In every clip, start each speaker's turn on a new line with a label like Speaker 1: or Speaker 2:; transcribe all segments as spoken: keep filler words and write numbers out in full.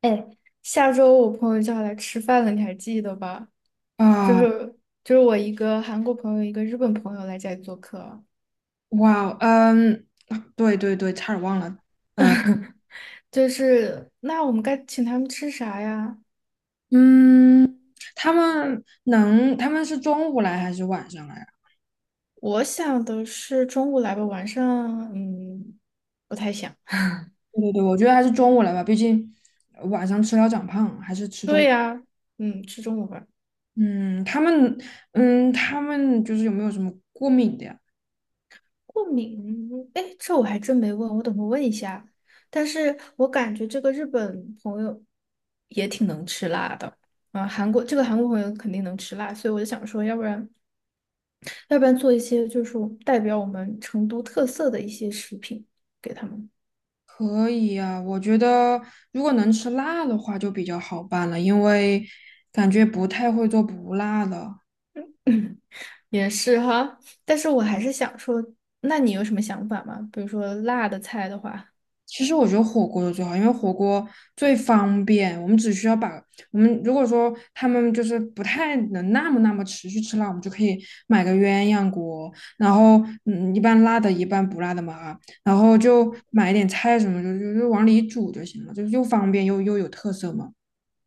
Speaker 1: 哎，下周我朋友就要来吃饭了，你还记得吧？就
Speaker 2: 啊，
Speaker 1: 是就是我一个韩国朋友，一个日本朋友来家里做客，
Speaker 2: 哇，嗯，啊对对对，差点忘了。
Speaker 1: 就是那我们该请他们吃啥呀？
Speaker 2: 嗯，他们能，他们是中午来还是晚上来啊？
Speaker 1: 我想的是中午来吧，晚上嗯不太想。
Speaker 2: 对对对，我觉得还是中午来吧，毕竟呃晚上吃了长胖，还是吃中
Speaker 1: 对
Speaker 2: 午。
Speaker 1: 呀，嗯，吃中午饭。
Speaker 2: 嗯，他们，嗯，他们就是有没有什么过敏的呀？
Speaker 1: 过敏，哎，这我还真没问，我等会问一下。但是我感觉这个日本朋友，也啊，韩国这个韩国朋友肯定能吃辣，所以我就想说，要不然。要不然做一些就是代表我们成都特色的一些食品给他们。
Speaker 2: 可以呀，我觉得如果能吃辣的话就比较好办了，因为感觉不太会做不辣的。
Speaker 1: 也是哈，但是我还是想说，那你有什么想法吗？比如说辣的菜的话，
Speaker 2: 其实我觉得火锅的最好，因为火锅最方便。我们只需要把我们如果说他们就是不太能那么那么持续吃辣，我们就可以买个鸳鸯锅，然后嗯一半辣的，一半不辣的嘛啊，然后就买一点菜什么，就就就往里煮就行了，就又方便又又有特色嘛。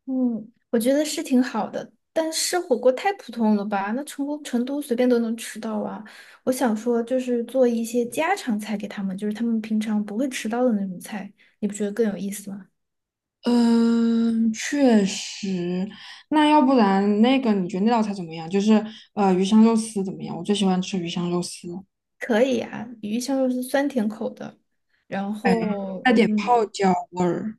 Speaker 1: 嗯，我觉得是挺好的，但是火锅太普通了吧？那成都成都随便都能吃到啊。我想说，就是做一些家常菜给他们，就是他们平常不会吃到的那种菜，你不觉得更有意思吗？
Speaker 2: 嗯，确实。那要不然那个你觉得那道菜怎么样？就是呃鱼香肉丝怎么样？我最喜欢吃鱼香肉丝，
Speaker 1: 可以啊，鱼香肉丝酸甜口的，然
Speaker 2: 哎，
Speaker 1: 后
Speaker 2: 带点泡
Speaker 1: 嗯。
Speaker 2: 椒味儿。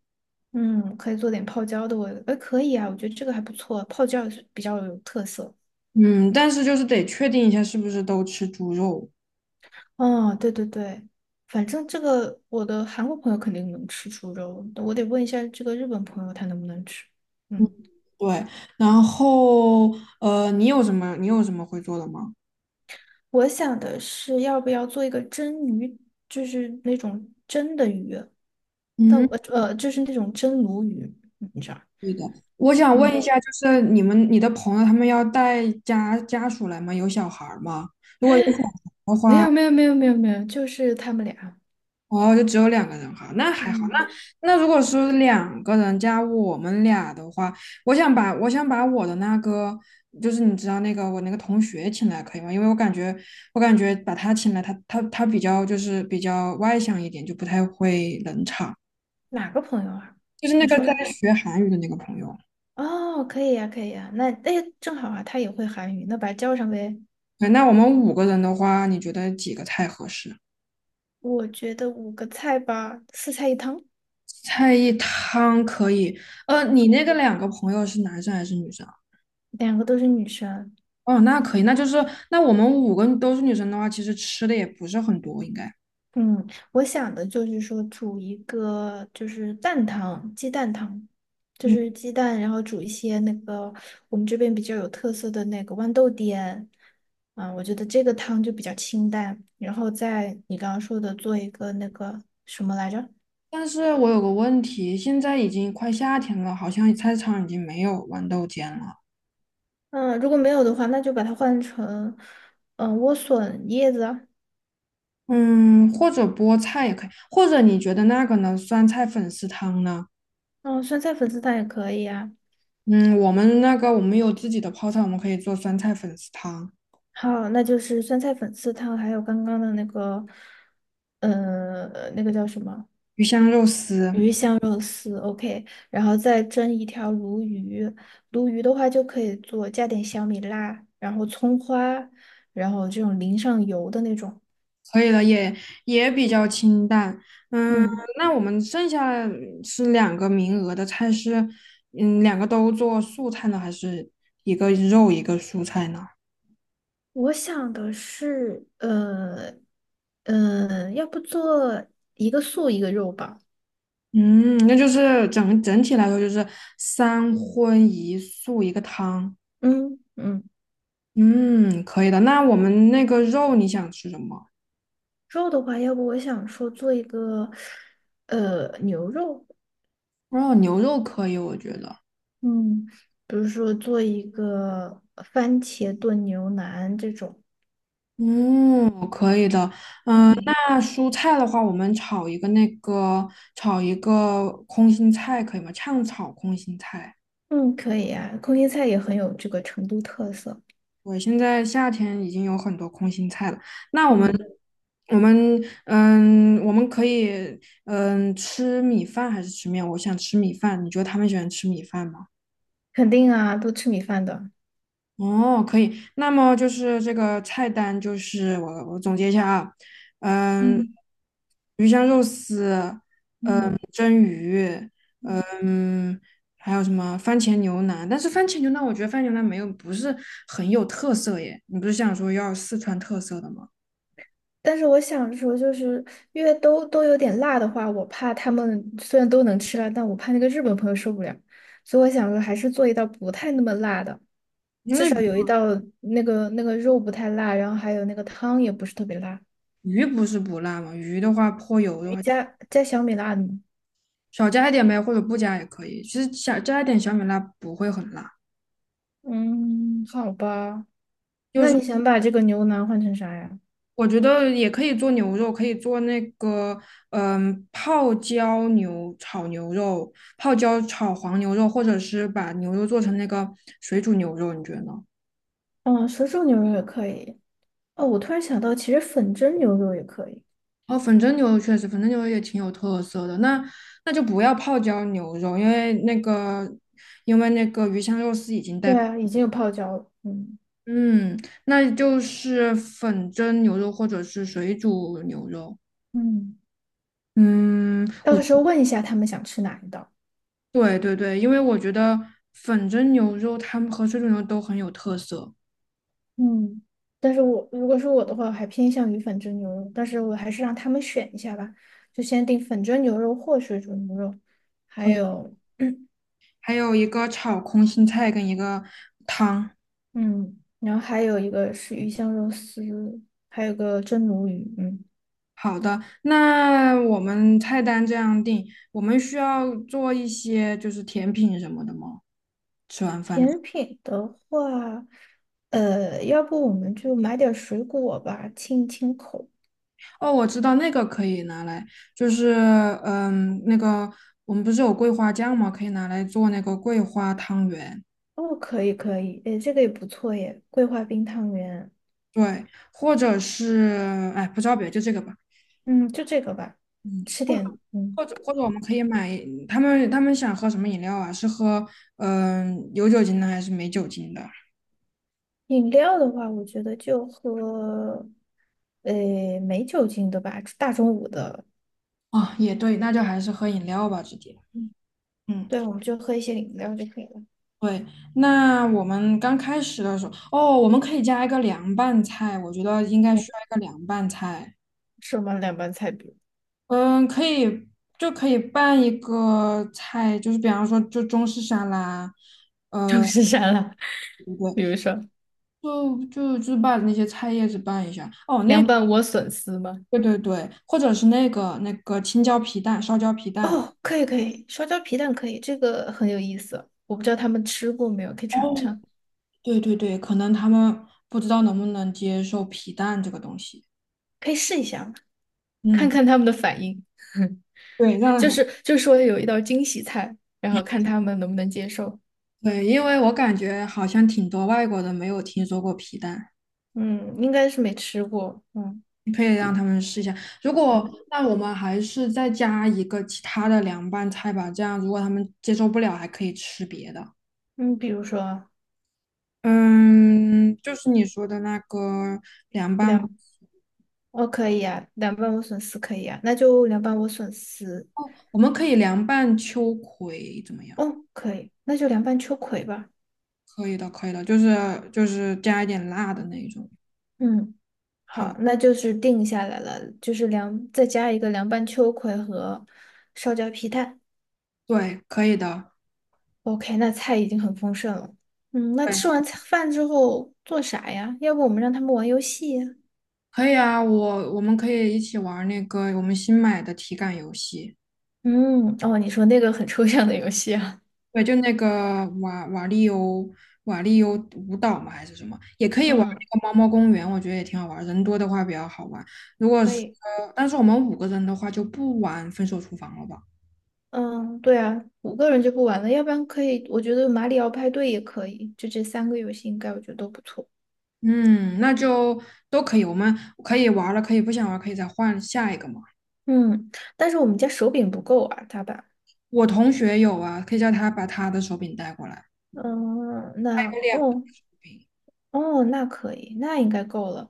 Speaker 1: 嗯，可以做点泡椒的味道，哎，可以啊，我觉得这个还不错，泡椒也是比较有特色。
Speaker 2: 嗯，但是就是得确定一下是不是都吃猪肉。
Speaker 1: 哦，对对对，反正这个我的韩国朋友肯定能吃猪肉，我得问一下这个日本朋友他能不能吃。
Speaker 2: 嗯，
Speaker 1: 嗯，
Speaker 2: 对，然后呃，你有什么你有什么会做的吗？
Speaker 1: 我想的是要不要做一个蒸鱼，就是那种蒸的鱼，呃
Speaker 2: 嗯，
Speaker 1: 呃，就是那种蒸鲈鱼，你知道？
Speaker 2: 对的，我想问一
Speaker 1: 嗯，
Speaker 2: 下，就是你们你的朋友他们要带家家属来吗？有小孩儿吗？如果有小孩儿的
Speaker 1: 没
Speaker 2: 话，
Speaker 1: 有没有没有没有没有，就是他们俩。
Speaker 2: 哦，就只有两个人哈，那还好。
Speaker 1: 嗯，
Speaker 2: 那那如果是两个人加我们俩的话，我想把我想把我的那个，就是你知道那个我那个同学请来可以吗？因为我感觉我感觉把他请来，他他他比较就是比较外向一点，就不太会冷场。
Speaker 1: 哪个朋友啊？
Speaker 2: 就是那
Speaker 1: 你
Speaker 2: 个
Speaker 1: 说
Speaker 2: 在
Speaker 1: 哪？
Speaker 2: 学韩语的那个朋友。
Speaker 1: 哦，可以呀，可以呀，那哎，正好啊，他也会韩语，那把它叫上呗。
Speaker 2: 对，那我们五个人的话，你觉得几个菜合适？
Speaker 1: 我觉得五个菜吧，四菜一汤，
Speaker 2: 菜一汤可以。呃，你那个两个朋友是男生还是女生？
Speaker 1: 两个都是女生。
Speaker 2: 哦，那可以，那就是那我们五个都是女生的话，其实吃的也不是很多，应该。
Speaker 1: 嗯，我想的就是说煮一个就是蛋汤，鸡蛋汤，就
Speaker 2: 嗯，
Speaker 1: 是鸡蛋，然后煮一些那个我们这边比较有特色的那个豌豆颠。啊，我觉得这个汤就比较清淡，然后在你刚刚说的做一个那个什么来着？
Speaker 2: 但是我有个问题，现在已经快夏天了，好像菜市场已经没有豌豆尖了。
Speaker 1: 嗯，如果没有的话，那就把它换成嗯莴笋叶子啊，
Speaker 2: 嗯，或者菠菜也可以，或者你觉得那个呢？酸菜粉丝汤呢？
Speaker 1: 嗯，酸菜粉丝汤也可以啊。
Speaker 2: 嗯，我们那个我们有自己的泡菜，我们可以做酸菜粉丝汤、
Speaker 1: 好，那就是酸菜粉丝汤，还有刚刚的那个，呃，那个叫什么
Speaker 2: 鱼香肉丝。
Speaker 1: 鱼香肉丝，OK，然后再蒸一条鲈鱼，鲈鱼的话就可以做加点小米辣，然后葱花，然后这种淋上油的那种。
Speaker 2: 可以的，也也比较清淡。嗯，
Speaker 1: 嗯，
Speaker 2: 那我们剩下是两个名额的菜是，嗯，两个都做素菜呢，还是一个肉一个蔬菜呢？
Speaker 1: 我想的是，呃，呃，要不做一个素一个肉吧。
Speaker 2: 嗯，那就是整整体来说就是三荤一素一个汤。
Speaker 1: 嗯嗯，
Speaker 2: 嗯，可以的。那我们那个肉你想吃什么？
Speaker 1: 肉的话，要不我想说做一个呃牛肉，
Speaker 2: 肉牛肉可以，我觉得。
Speaker 1: 嗯，比如说做一个番茄炖牛腩这种，嗯
Speaker 2: 那蔬菜的话，我们炒一个那个炒一个空心菜可以吗？炝炒空心菜。
Speaker 1: 嗯，可以啊，空心菜也很有这个成都特色，
Speaker 2: 我现在夏天已经有很多空心菜了，那我们
Speaker 1: 嗯，
Speaker 2: 我们嗯，我们可以嗯吃米饭还是吃面？我想吃米饭，你觉得他们喜欢吃米饭吗？
Speaker 1: 肯定啊，都吃米饭的，
Speaker 2: 哦，可以。那么就是这个菜单，就是我我总结一下啊。嗯，
Speaker 1: 嗯
Speaker 2: 鱼香肉丝、
Speaker 1: 嗯。
Speaker 2: 蒸鱼，
Speaker 1: 嗯
Speaker 2: 嗯，还有什么番茄牛腩？但是番茄牛腩，我觉得番茄牛腩没有不是很有特色耶。你不是想说要四川特色的吗？
Speaker 1: 但是我想说，就是因为都都有点辣的话，我怕他们虽然都能吃辣，但我怕那个日本朋友受不了，所以我想说还是做一道不太那么辣的，
Speaker 2: 因
Speaker 1: 至
Speaker 2: 为。
Speaker 1: 少有一道那个那个肉不太辣，然后还有那个汤也不是特别辣，
Speaker 2: 鱼不是不辣吗？鱼的话泼油的话，
Speaker 1: 加加小米辣的吗？
Speaker 2: 少加一点呗，或者不加也可以。其实小加一点小米辣不会很辣，
Speaker 1: 嗯，好吧，那你想把这个牛腩换成啥呀？
Speaker 2: 我觉得也可以做牛肉，可以做那个嗯泡椒牛炒牛肉、泡椒炒黄牛肉，或者是把牛肉做成那个水煮牛肉，你觉得呢？
Speaker 1: 哦，水煮牛肉也可以。哦，我突然想到，其实粉蒸牛肉也可以。
Speaker 2: 哦，粉蒸牛肉确实，粉蒸牛肉也挺有特色的。那那就不要泡椒牛肉，因为那个因为那个鱼香肉丝已经带
Speaker 1: 对
Speaker 2: 泡。
Speaker 1: 啊，已经有泡椒了。嗯
Speaker 2: 嗯，那就是粉蒸牛肉或者是水煮牛肉。
Speaker 1: 嗯。
Speaker 2: 嗯，
Speaker 1: 到时候问一下他们想吃哪一道。
Speaker 2: 对对对，因为我觉得粉蒸牛肉它们和水煮牛肉都很有特色，
Speaker 1: 嗯，但是我如果是我的话，我还偏向于粉蒸牛肉，但是我还是让他们选一下吧，就先定粉蒸牛肉或水煮牛肉，还
Speaker 2: 还
Speaker 1: 有
Speaker 2: 还有一个炒空心菜跟一个
Speaker 1: 嗯，然后还有一个是鱼香肉丝，还有个蒸鲈鱼，嗯，
Speaker 2: 好的。那我们菜单这样定，我们需要做一些就是甜品什么的吗？吃完饭。
Speaker 1: 甜品的话，呃，要不我们就买点水果吧，清一清口。
Speaker 2: 哦，我知道那个可以拿来，就是嗯，那个我们不是有桂花酱吗？可以拿来做那个桂花汤圆。
Speaker 1: 哦，可以可以，诶，这个也不错耶，桂花冰汤圆，
Speaker 2: 对，或者是哎，不知道别的就这个吧。
Speaker 1: 嗯，就这个吧，
Speaker 2: 嗯，
Speaker 1: 吃点嗯。
Speaker 2: 或者或者我们可以买他们他们想喝什么饮料啊？是喝嗯有酒精的还是没酒精的？
Speaker 1: 饮料的话，我觉得就喝，呃，没酒精的吧，大中午的，
Speaker 2: 啊，也对，那就还是喝饮料吧，直接。
Speaker 1: 嗯，
Speaker 2: 嗯，
Speaker 1: 对，我们就喝一些饮料就可以了。
Speaker 2: 对，那我们刚开始的时候，哦，我们可以加一个凉拌菜，我觉得应该需
Speaker 1: 我
Speaker 2: 要一个凉拌菜。
Speaker 1: 什么凉拌菜，比如
Speaker 2: 嗯，可以，就可以拌一个菜，就是比方说，就中式沙拉，
Speaker 1: 中式沙拉，
Speaker 2: 对不
Speaker 1: 比
Speaker 2: 对？
Speaker 1: 如说
Speaker 2: 就就就把那些菜叶子拌一下。哦，那
Speaker 1: 凉
Speaker 2: 个
Speaker 1: 拌莴笋丝吗？
Speaker 2: 对对对，或者是那个那个青椒皮蛋，烧椒皮蛋。
Speaker 1: 哦，可以可以，烧椒皮蛋可以，这个很有意思。我不知道他们吃过没有，可以尝
Speaker 2: 哦，
Speaker 1: 尝，
Speaker 2: 对对对，可能他们不知道能不能接受皮蛋这个东西。
Speaker 1: 可以试一下嘛，看
Speaker 2: 嗯，
Speaker 1: 看他们的反应。
Speaker 2: 对，
Speaker 1: 就
Speaker 2: 让
Speaker 1: 是就是说有一道惊喜菜，然后看他们能不能接受。
Speaker 2: 对，因为我感觉好像挺多外国人没有听说过皮蛋。
Speaker 1: 嗯，应该是没吃过。嗯
Speaker 2: 可以让他们试一下。如果
Speaker 1: 嗯。
Speaker 2: 那我们还是再加一个其他的凉拌菜吧，这样如果他们接受不了，还可以吃别的。
Speaker 1: 嗯，比如说
Speaker 2: 嗯，就是你说的那个凉拌，
Speaker 1: 两，哦，可以啊，凉拌莴笋丝可以啊，那就凉拌莴笋丝，
Speaker 2: 我们可以凉拌秋葵怎么样？
Speaker 1: 哦，可以，那就凉拌秋葵吧。
Speaker 2: 可以的，可以的，就是就是加一点辣的那一种。
Speaker 1: 嗯，
Speaker 2: 好，
Speaker 1: 好，那就是定下来了，就是凉，再加一个凉拌秋葵和烧焦皮蛋。
Speaker 2: 对，可以的，
Speaker 1: OK，那菜已经很丰盛了。嗯，那
Speaker 2: 对，
Speaker 1: 吃完菜饭之后做啥呀？要不我们让他们玩游戏呀
Speaker 2: 可以啊。我我们可以一起玩那个我们新买的体感游戏。
Speaker 1: 嗯，哦，你说那个很抽象的游戏啊。
Speaker 2: 对，就那个瓦瓦力欧瓦力欧舞蹈嘛，还是什么，也可以玩
Speaker 1: 嗯，
Speaker 2: 那个猫猫公园，我觉得也挺好玩儿，人多的话比较好玩。如果
Speaker 1: 可
Speaker 2: 是
Speaker 1: 以。
Speaker 2: 呃，但是我们五个人的话就不玩分手厨房了吧？
Speaker 1: 嗯，对啊，五个人就不玩了，要不然可以，我觉得马里奥派对也可以，就这三个游戏应该我觉得都不错。
Speaker 2: 嗯，那就都可以，我们可以玩儿了，可以不想玩儿可以再换下一个嘛。
Speaker 1: 嗯，但是我们家手柄不够啊，大吧？
Speaker 2: 我同学有啊，可以叫他把他的手柄带过来，
Speaker 1: 嗯，那
Speaker 2: 有两个
Speaker 1: 哦
Speaker 2: 柄，
Speaker 1: 哦，那可以，那应该够了。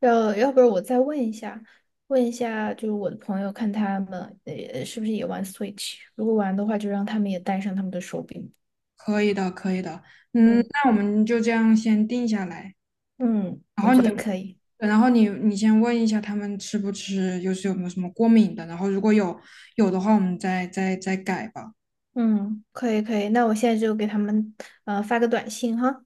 Speaker 1: 要要不然我再问一下，问一下就是我的朋友，看他们呃是不是也玩 Switch，如果玩的话，就让他们也带上他们的手柄。
Speaker 2: 可以的，可以的。嗯，
Speaker 1: 嗯
Speaker 2: 那我们就这样先定下来。
Speaker 1: 嗯，
Speaker 2: 然
Speaker 1: 我
Speaker 2: 后
Speaker 1: 觉
Speaker 2: 你，
Speaker 1: 得可以。
Speaker 2: 然后你你先问一下他们吃不吃，就是有没有什么过敏的，然后如果有有的话，我们再再再改吧。
Speaker 1: 嗯，可以可以，那我现在就给他们呃发个短信哈。